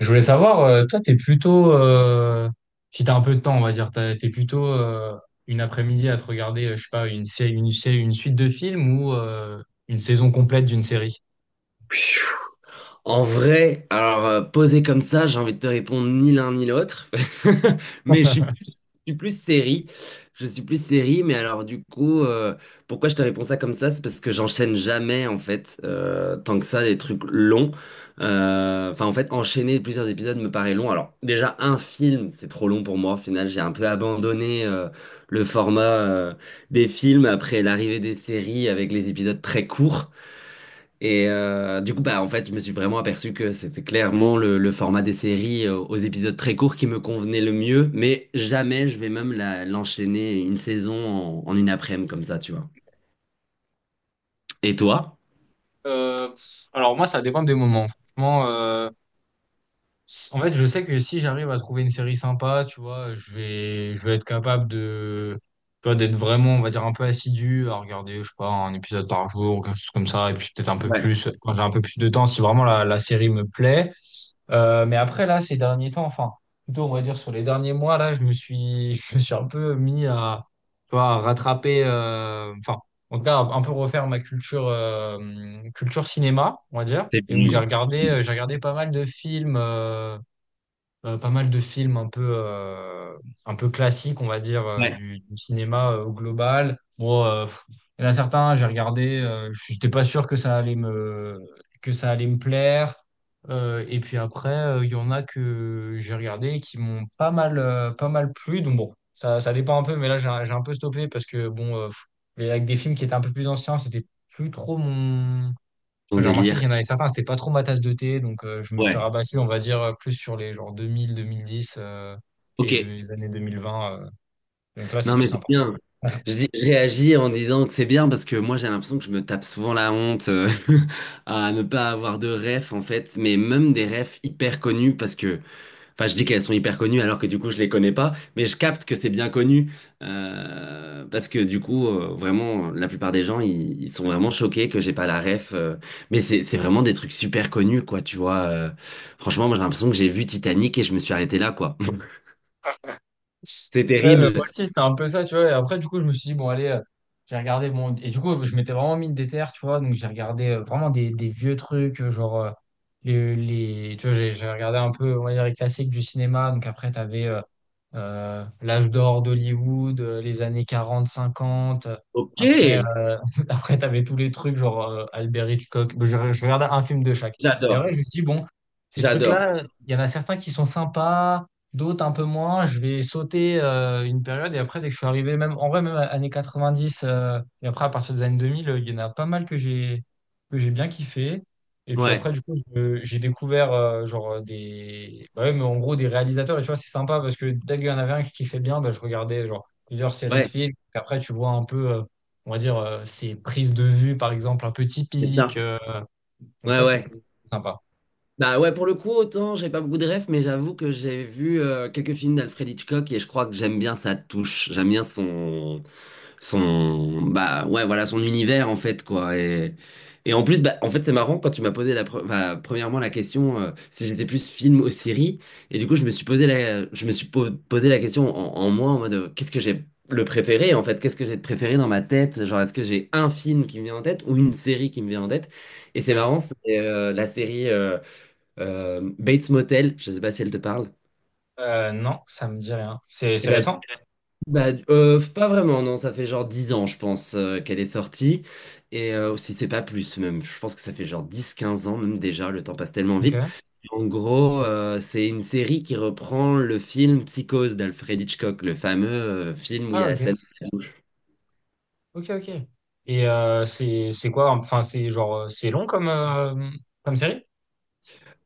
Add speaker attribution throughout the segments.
Speaker 1: Je voulais savoir, toi, t'es plutôt, si t'as un peu de temps, on va dire, t'es plutôt une après-midi à te regarder, je sais pas, une série, une suite de films ou une saison complète d'une série?
Speaker 2: En vrai, alors posé comme ça, j'ai envie de te répondre ni l'un ni l'autre. Mais je suis plus série. Je suis plus série, mais alors du coup, pourquoi je te réponds ça comme ça? C'est parce que j'enchaîne jamais, en fait, tant que ça, des trucs longs. Enfin, en fait, enchaîner plusieurs épisodes me paraît long. Alors, déjà, un film, c'est trop long pour moi. Au final, j'ai un peu abandonné le format des films après l'arrivée des séries avec les épisodes très courts. Et du coup, bah, en fait, je me suis vraiment aperçu que c'était clairement le format des séries aux épisodes très courts qui me convenait le mieux, mais jamais je vais même l'enchaîner une saison en une après-midi comme ça, tu vois. Et toi?
Speaker 1: Euh, alors moi, ça dépend des moments. Franchement, en fait, je sais que si j'arrive à trouver une série sympa, tu vois, je vais être capable de, tu vois, d'être vraiment, on va dire, un peu assidu à regarder, je sais pas, un épisode par jour ou quelque chose comme ça, et puis peut-être un peu
Speaker 2: Ouais.
Speaker 1: plus quand j'ai un peu plus de temps, si vraiment la série me plaît. Mais après, là, ces derniers temps, enfin, plutôt, on va dire sur les derniers mois, là, je me suis, je me suis un peu mis à, tu vois, à rattraper, enfin, en tout cas, à un peu refaire ma culture, culture cinéma, on va dire.
Speaker 2: C'est
Speaker 1: Et donc,
Speaker 2: bien.
Speaker 1: j'ai regardé pas mal de films. Pas mal de films un peu classiques, on va dire,
Speaker 2: Ouais.
Speaker 1: du cinéma au global. Bon, il y en a certains, j'ai regardé, j'étais pas sûr que ça allait me, que ça allait me plaire. Et puis après, il y en a que j'ai regardé et qui m'ont pas mal, pas mal plu. Donc bon, ça dépend un peu, mais là, j'ai un peu stoppé parce que, avec des films qui étaient un peu plus anciens, c'était plus trop mon.
Speaker 2: Ton
Speaker 1: J'ai remarqué qu'il
Speaker 2: délire.
Speaker 1: y en avait certains, c'était pas trop ma tasse de thé, donc je me suis
Speaker 2: Ouais.
Speaker 1: rabattu, on va dire, plus sur les genre 2000, 2010
Speaker 2: OK.
Speaker 1: et des années 2020. Donc là, c'est
Speaker 2: Non,
Speaker 1: plus
Speaker 2: mais c'est
Speaker 1: sympa.
Speaker 2: bien. Je réagis en disant que c'est bien parce que moi j'ai l'impression que je me tape souvent la honte, à ne pas avoir de ref en fait, mais même des refs hyper connus, parce que, enfin, je dis qu'elles sont hyper connues alors que du coup je les connais pas, mais je capte que c'est bien connu, parce que du coup, vraiment la plupart des gens ils sont vraiment choqués que j'ai pas la ref, mais c'est vraiment des trucs super connus, quoi, tu vois. Franchement, moi j'ai l'impression que j'ai vu Titanic et je me suis arrêté là, quoi. C'est
Speaker 1: Ouais, bah, moi
Speaker 2: terrible.
Speaker 1: aussi, c'était un peu ça, tu vois. Et après, du coup, je me suis dit, bon, allez, j'ai regardé bon. Et du coup, je m'étais vraiment mis une déterre, tu vois. Donc, j'ai regardé vraiment des vieux trucs, tu vois, j'ai regardé un peu, on va dire, les classiques du cinéma. Donc, après, tu avais l'âge d'or d'Hollywood, les années 40 50.
Speaker 2: OK,
Speaker 1: Après, après tu avais tous les trucs, Albert Hitchcock. Bon, je regardais un film de chaque. Et après,
Speaker 2: j'adore,
Speaker 1: je me suis dit, bon, ces
Speaker 2: j'adore.
Speaker 1: trucs-là, il y en a certains qui sont sympas, d'autres un peu moins. Je vais sauter une période. Et après, dès que je suis arrivé, même en vrai, années 90, et après, à partir des années 2000, il y en a pas mal que j'ai bien kiffé. Et puis
Speaker 2: Ouais,
Speaker 1: après, du coup, j'ai découvert des. Bah ouais, mais en gros, des réalisateurs. Et tu vois, c'est sympa parce que dès qu'il y en avait un qui fait bien, bah, je regardais genre plusieurs séries de
Speaker 2: ouais,
Speaker 1: films. Et après, tu vois un peu, on va dire, ces prises de vue, par exemple, un peu
Speaker 2: c'est ça.
Speaker 1: typiques. Donc
Speaker 2: Ouais,
Speaker 1: ça,
Speaker 2: ouais.
Speaker 1: c'était sympa.
Speaker 2: Bah ouais, pour le coup, autant j'ai pas beaucoup de rêves, mais j'avoue que j'ai vu quelques films d'Alfred Hitchcock, et je crois que j'aime bien sa touche, j'aime bien son, bah ouais, voilà, son univers, en fait, quoi. Et en plus, bah, en fait, c'est marrant quand tu m'as posé enfin, premièrement, la question, si j'étais plus film ou série. Et du coup, je me suis posé la je me suis po- posé la question, en moi, en mode, qu'est-ce que j'ai le préféré, en fait, qu'est-ce que j'ai de préféré dans ma tête, genre, est-ce que j'ai un film qui me vient en tête ou une série qui me vient en tête. Et c'est
Speaker 1: Ouais.
Speaker 2: marrant, c'est la série, Bates Motel. Je sais pas si elle te parle.
Speaker 1: Non, ça me dit rien. C'est récent?
Speaker 2: Bah, pas vraiment, non, ça fait genre 10 ans, je pense, qu'elle est sortie. Et si c'est pas plus, même, je pense que ça fait genre 10-15 ans, même déjà, le temps passe tellement vite.
Speaker 1: Ok.
Speaker 2: En gros, c'est une série qui reprend le film Psychose d'Alfred Hitchcock, le fameux film où il y
Speaker 1: Ah,
Speaker 2: a la
Speaker 1: ok.
Speaker 2: scène.
Speaker 1: Ok, ok. Et c'est quoi? Enfin, c'est genre, c'est long comme, comme série?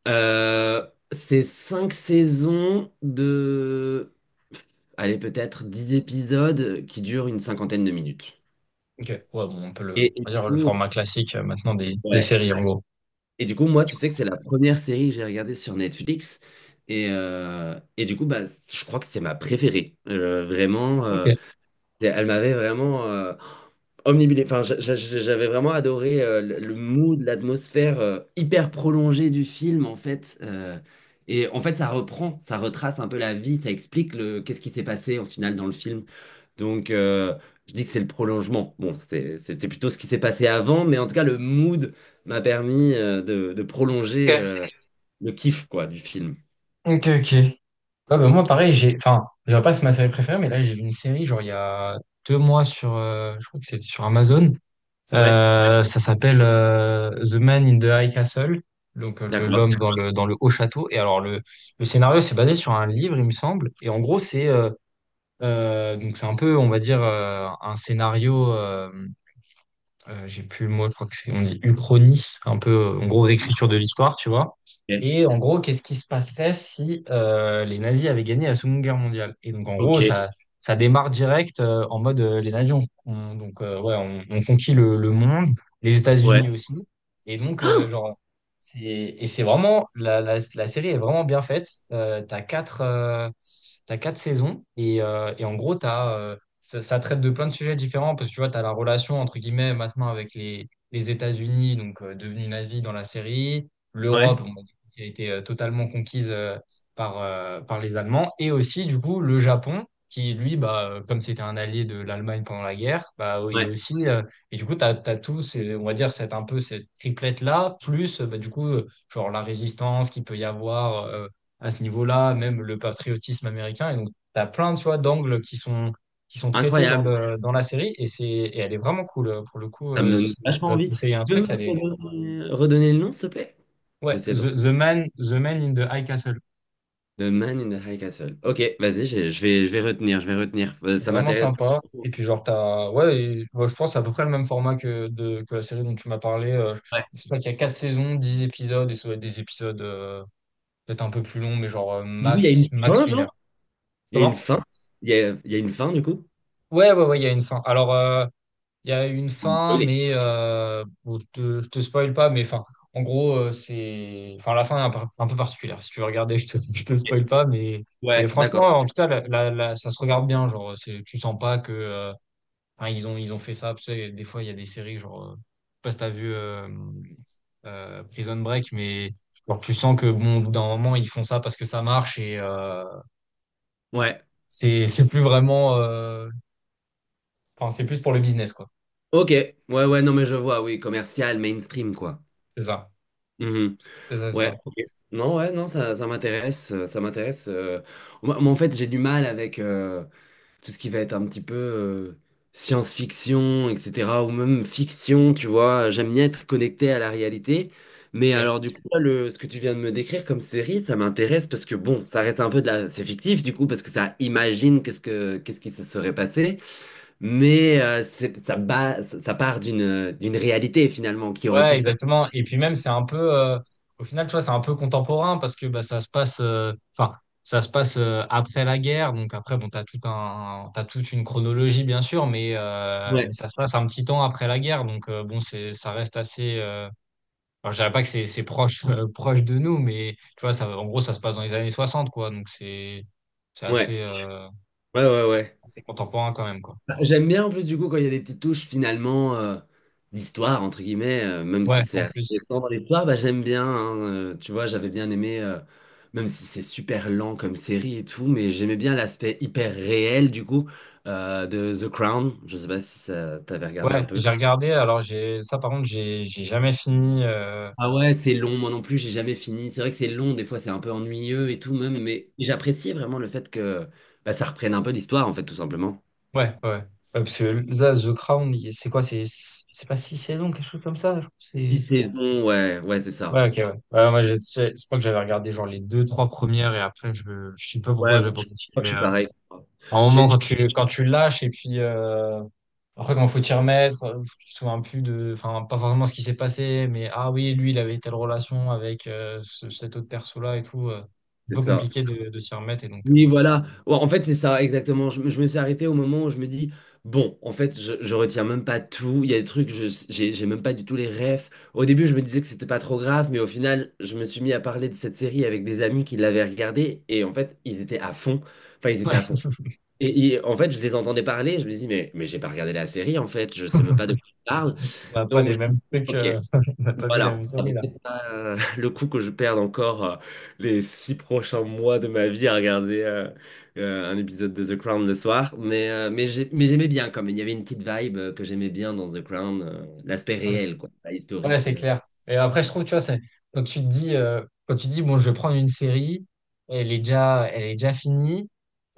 Speaker 2: Euh, c'est 5 saisons de, allez, peut-être 10 épisodes qui durent une cinquantaine de minutes.
Speaker 1: Ok. Ouais, bon, on peut le,
Speaker 2: Et
Speaker 1: on va
Speaker 2: du
Speaker 1: dire le
Speaker 2: coup,
Speaker 1: format classique maintenant des
Speaker 2: ouais.
Speaker 1: séries, en gros.
Speaker 2: Et du coup, moi, tu sais que c'est la première série que j'ai regardée sur Netflix. Et du coup, bah, je crois que c'est ma préférée. Vraiment,
Speaker 1: Ok.
Speaker 2: elle m'avait vraiment, omnibulé. Enfin, j'avais vraiment adoré, le mood, l'atmosphère, hyper prolongée du film, en fait. Et en fait, ça reprend, ça retrace un peu la vie, ça explique le qu'est-ce qui s'est passé au final dans le film. Donc, je dis que c'est le prolongement. Bon, c'était plutôt ce qui s'est passé avant, mais en tout cas, le mood m'a permis, de prolonger,
Speaker 1: Ok.
Speaker 2: le kiff, quoi, du film.
Speaker 1: Ok, ok. Ouais, bah, moi, pareil, j'ai. Enfin, je dirais pas que c'est ma série préférée, mais là, j'ai vu une série, genre, il y a 2 mois sur. Je crois que c'était sur Amazon.
Speaker 2: Ouais,
Speaker 1: Ça s'appelle The Man in the High Castle. Donc,
Speaker 2: d'accord.
Speaker 1: l'homme dans dans le haut château. Et alors, le scénario, c'est basé sur un livre, il me semble. Et en gros, c'est. Donc, c'est un peu, on va dire, un scénario. J'ai plus le mot, je crois que c'est, on dit uchronie, un peu, en gros,
Speaker 2: Ah,
Speaker 1: réécriture de l'histoire, tu vois.
Speaker 2: OK,
Speaker 1: Et en gros, qu'est-ce qui se passerait si les nazis avaient gagné la Seconde Guerre mondiale? Et donc, en gros,
Speaker 2: OK,
Speaker 1: ça démarre direct en mode les nazis ont conquis le monde, les
Speaker 2: ouais,
Speaker 1: États-Unis aussi. Et donc, et c'est vraiment, la série est vraiment bien faite. T'as 4 saisons et en gros, t'as ça, ça traite de plein de sujets différents parce que tu vois, tu as la relation entre guillemets maintenant avec les États-Unis, donc devenus nazis dans la série,
Speaker 2: ouais,
Speaker 1: l'Europe bon, bah, du coup, qui a été totalement conquise par les Allemands, et aussi du coup le Japon qui, lui, comme c'était un allié de l'Allemagne pendant la guerre, bah, oui,
Speaker 2: ouais.
Speaker 1: aussi, et du coup, tu as, tout, c'est on va dire, cette, un peu cette triplette-là, plus genre la résistance qu'il peut y avoir à ce niveau-là, même le patriotisme américain, et donc tu as plein, tu vois, d'angles qui sont traités dans
Speaker 2: Incroyable.
Speaker 1: dans la série, et c'est et elle est vraiment cool pour le coup.
Speaker 2: Ça me donne
Speaker 1: Si je
Speaker 2: vachement
Speaker 1: dois te
Speaker 2: envie.
Speaker 1: conseiller un
Speaker 2: Tu peux
Speaker 1: truc,
Speaker 2: me
Speaker 1: elle est
Speaker 2: redonner le nom, s'il te plaît? Je vais
Speaker 1: ouais.
Speaker 2: essayer de.
Speaker 1: The Man in the High Castle,
Speaker 2: The Man in the High Castle. OK, vas-y, je vais retenir, je vais retenir. Ça
Speaker 1: vraiment
Speaker 2: m'intéresse.
Speaker 1: sympa, et puis genre t'as ouais ouais, je pense que c'est à peu près le même format que la série dont tu m'as parlé.
Speaker 2: Ouais.
Speaker 1: Je crois qu'il y a 4 saisons 10 épisodes et ça doit être des épisodes peut-être un peu plus longs, mais genre
Speaker 2: Du coup, il y a une
Speaker 1: max
Speaker 2: fin,
Speaker 1: une
Speaker 2: genre?
Speaker 1: heure.
Speaker 2: Il y a une
Speaker 1: Comment?
Speaker 2: fin? Il y a une fin, du coup?
Speaker 1: Ouais, ouais, ouais, il y a une fin. Il y a une
Speaker 2: Vous
Speaker 1: fin,
Speaker 2: me.
Speaker 1: mais bon, je te spoil pas, mais enfin, en gros, c'est, enfin, la fin est un, un peu particulière. Si tu veux regarder, je te, je te
Speaker 2: OK.
Speaker 1: spoil pas, mais
Speaker 2: Ouais,
Speaker 1: franchement,
Speaker 2: d'accord.
Speaker 1: en tout cas, ça se regarde bien. Genre, c'est, tu sens pas que, hein, ils ont fait ça. Tu sais, des fois, il y a des séries, genre, je sais pas si t'as vu Prison Break, mais genre, tu sens que, bon, au bout d'un moment, ils font ça parce que ça marche et
Speaker 2: Ouais.
Speaker 1: c'est plus vraiment, enfin, c'est plus pour le business, quoi.
Speaker 2: OK. Ouais, ouais, non, mais je vois, oui, commercial, mainstream, quoi.
Speaker 1: C'est ça,
Speaker 2: Mhm.
Speaker 1: c'est ça, c'est
Speaker 2: Ouais,
Speaker 1: ça.
Speaker 2: OK. Non, ouais, non, ça m'intéresse, ça m'intéresse. Moi, moi, en fait, j'ai du mal avec. Tout ce qui va être un petit peu science-fiction, etc., ou même fiction, tu vois. J'aime bien être connecté à la réalité. Mais
Speaker 1: Ok.
Speaker 2: alors, du coup, là, ce que tu viens de me décrire comme série, ça m'intéresse parce que, bon, ça reste un peu de la. C'est fictif, du coup, parce que ça imagine qu'est-ce qui se serait passé. Mais, ça, ça part d'une réalité, finalement, qui aurait pu
Speaker 1: Ouais,
Speaker 2: se passer.
Speaker 1: exactement. Et puis même, c'est un peu, au final, tu vois, c'est un peu contemporain parce que bah, ça se passe, enfin, ça se passe après la guerre. Donc après, bon, t'as toute une chronologie, bien sûr, mais
Speaker 2: Ouais,
Speaker 1: ça se passe un petit temps après la guerre. Donc bon, c'est, ça reste assez. Alors, je dirais pas que c'est, proche, proche de nous, mais tu vois, ça, en gros, ça se passe dans les années 60 quoi. Donc c'est
Speaker 2: ouais,
Speaker 1: assez,
Speaker 2: ouais, ouais, ouais.
Speaker 1: assez contemporain quand même, quoi.
Speaker 2: J'aime bien, en plus, du coup, quand il y a des petites touches, finalement, d'histoire entre guillemets, même
Speaker 1: Ouais,
Speaker 2: si c'est
Speaker 1: en
Speaker 2: assez
Speaker 1: plus.
Speaker 2: récent dans l'histoire, bah, j'aime bien, hein, tu vois, j'avais bien aimé, même si c'est super lent comme série et tout, mais j'aimais bien l'aspect hyper réel, du coup, de The Crown. Je sais pas si ça t'avais regardé un
Speaker 1: Ouais,
Speaker 2: peu.
Speaker 1: j'ai regardé. Ça, par contre, j'ai jamais fini.
Speaker 2: Ah ouais, c'est long, moi non plus, j'ai jamais fini. C'est vrai que c'est long, des fois c'est un peu ennuyeux et tout même, mais j'appréciais vraiment le fait que, bah, ça reprenne un peu l'histoire, en fait, tout simplement.
Speaker 1: Ouais, ouais. Ouais, parce que là, The Crown, c'est quoi? C'est pas 6 saisons, quelque chose comme ça? Je crois que
Speaker 2: Six
Speaker 1: c'est...
Speaker 2: saisons, ouais, ouais, c'est ça.
Speaker 1: Ouais, ok, ouais. Ouais, moi, je crois que j'avais regardé genre les deux, trois premières et après, je sais pas pourquoi
Speaker 2: Ouais, bah,
Speaker 1: j'ai pas
Speaker 2: je crois que
Speaker 1: continué.
Speaker 2: je suis pareil.
Speaker 1: À un
Speaker 2: J'ai
Speaker 1: moment,
Speaker 2: dit,
Speaker 1: quand tu lâches et puis après, quand faut t'y remettre, tu te souviens plus de. Enfin, pas forcément ce qui s'est passé, mais ah oui, lui, il avait telle relation avec cet autre perso-là et tout. Un
Speaker 2: c'est
Speaker 1: peu
Speaker 2: ça.
Speaker 1: compliqué de s'y remettre et donc,
Speaker 2: Oui,
Speaker 1: bon.
Speaker 2: voilà. Ouais, en fait, c'est ça, exactement. Je me suis arrêté au moment où je me dis, bon, en fait, je retiens même pas tout. Il y a des trucs, j'ai même pas du tout les refs. Au début, je me disais que c'était pas trop grave, mais au final, je me suis mis à parler de cette série avec des amis qui l'avaient regardée, et en fait, ils étaient à fond. Enfin, ils étaient à fond. Et en fait, je les entendais parler, je me dis, mais j'ai pas regardé la série, en fait, je sais même pas de qui ils parlent.
Speaker 1: Ouais. On n'a pas
Speaker 2: Donc,
Speaker 1: les
Speaker 2: je me
Speaker 1: mêmes
Speaker 2: suis dit,
Speaker 1: trucs,
Speaker 2: OK,
Speaker 1: on n'a pas vu la
Speaker 2: voilà,
Speaker 1: même
Speaker 2: ça vaut
Speaker 1: série
Speaker 2: peut-être pas, le coup que je perde encore, les 6 prochains mois de ma vie à regarder, un épisode de The Crown le soir, mais j'aimais bien quand même. Il y avait une petite vibe, que j'aimais bien dans The Crown, l'aspect
Speaker 1: là.
Speaker 2: réel, quoi, pas
Speaker 1: Ouais,
Speaker 2: historique.
Speaker 1: c'est clair. Et après, je trouve, tu vois, c'est quand tu dis, bon, je vais prendre une série, elle est déjà finie,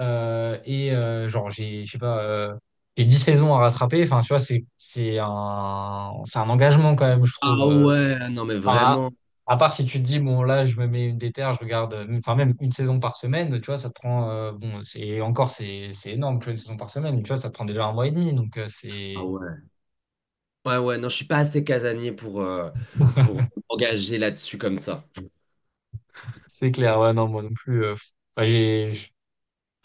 Speaker 1: genre, je sais pas, les 10 saisons à rattraper, enfin, tu vois, c'est un engagement quand même, je trouve.
Speaker 2: Ah ouais, non mais
Speaker 1: Enfin,
Speaker 2: vraiment.
Speaker 1: à part si tu te dis, bon, là, je me mets une déterre, je regarde, enfin, même une saison par semaine, tu vois, ça te prend, bon, c'est encore, c'est énorme, tu vois, une saison par semaine, tu vois, ça te prend déjà un mois et demi, donc
Speaker 2: Ah
Speaker 1: c'est...
Speaker 2: ouais. Ouais, ouais, non, je suis pas assez casanier pour m'engager là-dessus comme ça.
Speaker 1: C'est clair, ouais, non, moi non plus. Enfin,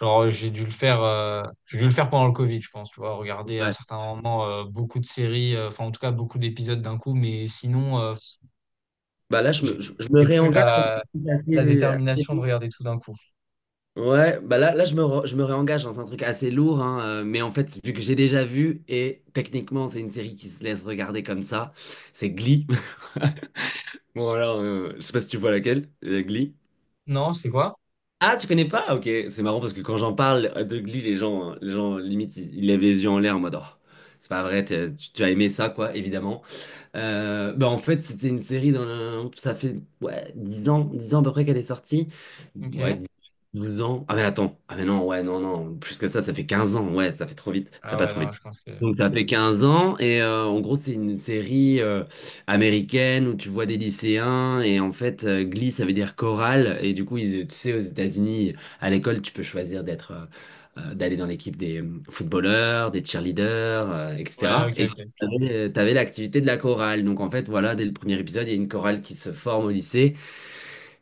Speaker 1: genre, j'ai dû le faire pendant le Covid, je pense, tu vois, regarder à
Speaker 2: Ouais.
Speaker 1: certains moments beaucoup de séries, enfin en tout cas beaucoup d'épisodes d'un coup, mais sinon,
Speaker 2: Bah là,
Speaker 1: j'ai
Speaker 2: je me
Speaker 1: j'ai plus
Speaker 2: réengage
Speaker 1: la
Speaker 2: assez, assez vite.
Speaker 1: détermination de regarder tout d'un coup.
Speaker 2: Ouais, bah là, là je me réengage dans un truc assez lourd, hein, mais en fait, vu que j'ai déjà vu, et techniquement, c'est une série qui se laisse regarder comme ça, c'est Glee. Bon, alors, je sais pas si tu vois laquelle, Glee.
Speaker 1: Non, c'est quoi?
Speaker 2: Ah, tu connais pas? OK, c'est marrant parce que quand j'en parle, de Glee, les gens limite, ils lèvent les yeux en l'air, en mode, oh, c'est pas vrai, tu as aimé ça, quoi, évidemment. Bah, en fait, c'était une série ça fait, ouais, 10 ans, 10 ans à peu près qu'elle est sortie.
Speaker 1: Ok.
Speaker 2: Ouais, 10, 12 ans. Ah mais attends, ah mais non, ouais, non, non, plus que ça fait 15 ans. Ouais, ça fait trop vite, ça
Speaker 1: Ah
Speaker 2: passe
Speaker 1: ouais,
Speaker 2: trop
Speaker 1: non,
Speaker 2: vite.
Speaker 1: je pense que...
Speaker 2: Donc, ça fait 15 ans. Et en gros, c'est une série américaine où tu vois des lycéens. Et en fait, Glee ça veut dire chorale, et du coup, tu sais, aux États-Unis, à l'école, tu peux choisir d'être, d'aller dans l'équipe des, footballeurs, des cheerleaders,
Speaker 1: Ouais,
Speaker 2: etc.
Speaker 1: ok, ok.
Speaker 2: T'avais, avais l'activité de la chorale. Donc, en fait, voilà, dès le premier épisode, il y a une chorale qui se forme au lycée.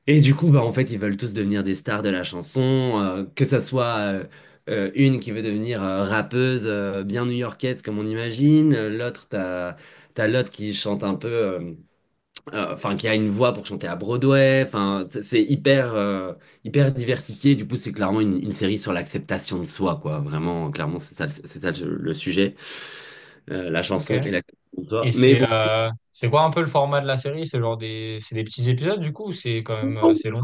Speaker 2: Et du coup, bah, en fait, ils veulent tous devenir des stars de la chanson, que ça soit, une qui veut devenir, rappeuse, bien new-yorkaise, comme on imagine. L'autre, t'as l'autre qui chante un peu, enfin, qui a une voix pour chanter à Broadway. Enfin, c'est hyper, hyper diversifié. Du coup, c'est clairement une série sur l'acceptation de soi, quoi. Vraiment, clairement, c'est ça, c'est ça, le sujet. La
Speaker 1: Ok.
Speaker 2: chanson et l'acceptation de soi. Mais bon.
Speaker 1: C'est quoi un peu le format de la série? C'est des petits épisodes du coup, ou c'est quand même assez long?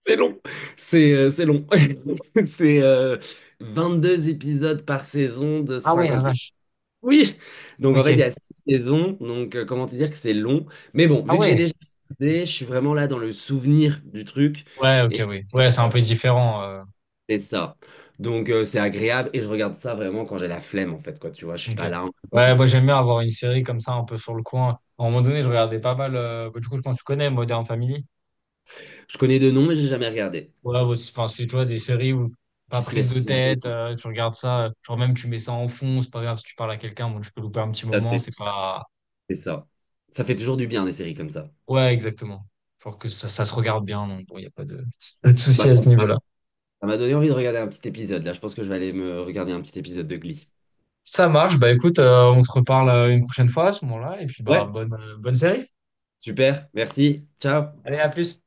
Speaker 2: C'est long, c'est long. C'est 2 épisodes par saison de
Speaker 1: Ah ouais, la
Speaker 2: 50 minutes.
Speaker 1: vache.
Speaker 2: Oui, donc en
Speaker 1: Ok.
Speaker 2: fait, il y a 6 saisons, donc comment te dire que c'est long. Mais bon,
Speaker 1: Ah
Speaker 2: vu que j'ai
Speaker 1: ouais.
Speaker 2: déjà regardé, je suis vraiment là dans le souvenir du truc,
Speaker 1: Ouais, ok,
Speaker 2: et
Speaker 1: oui. Ouais, c'est un peu différent.
Speaker 2: c'est ça. Donc, c'est agréable et je regarde ça vraiment quand j'ai la flemme, en fait, quoi. Tu vois, je suis
Speaker 1: Ok.
Speaker 2: pas là.
Speaker 1: Ouais, moi j'aime bien avoir une série comme ça, un peu sur le coin. À un moment donné, je regardais pas mal. Bah, du coup, je pense que tu connais Modern Family.
Speaker 2: Je connais de noms, mais j'ai jamais regardé.
Speaker 1: Ouais, bah, enfin, c'est, tu vois, des séries où pas
Speaker 2: Qui se
Speaker 1: prise
Speaker 2: laisse
Speaker 1: de
Speaker 2: regarder,
Speaker 1: tête,
Speaker 2: quoi.
Speaker 1: tu regardes ça, genre même tu mets ça en fond, c'est pas grave si tu parles à quelqu'un, bon, tu peux louper un petit
Speaker 2: Tout à
Speaker 1: moment,
Speaker 2: fait,
Speaker 1: c'est pas.
Speaker 2: c'est ça. Ça fait toujours du bien, des séries comme ça.
Speaker 1: Ouais, exactement. Genre que ça se regarde bien, donc bon, il n'y a pas de souci
Speaker 2: Bah,
Speaker 1: à ce niveau-là.
Speaker 2: ça m'a donné envie de regarder un petit épisode là. Je pense que je vais aller me regarder un petit épisode de Glee.
Speaker 1: Ça marche, bah écoute, on se reparle une prochaine fois à ce moment-là, et puis
Speaker 2: Ouais.
Speaker 1: bonne série.
Speaker 2: Super, merci, ciao.
Speaker 1: Allez, à plus.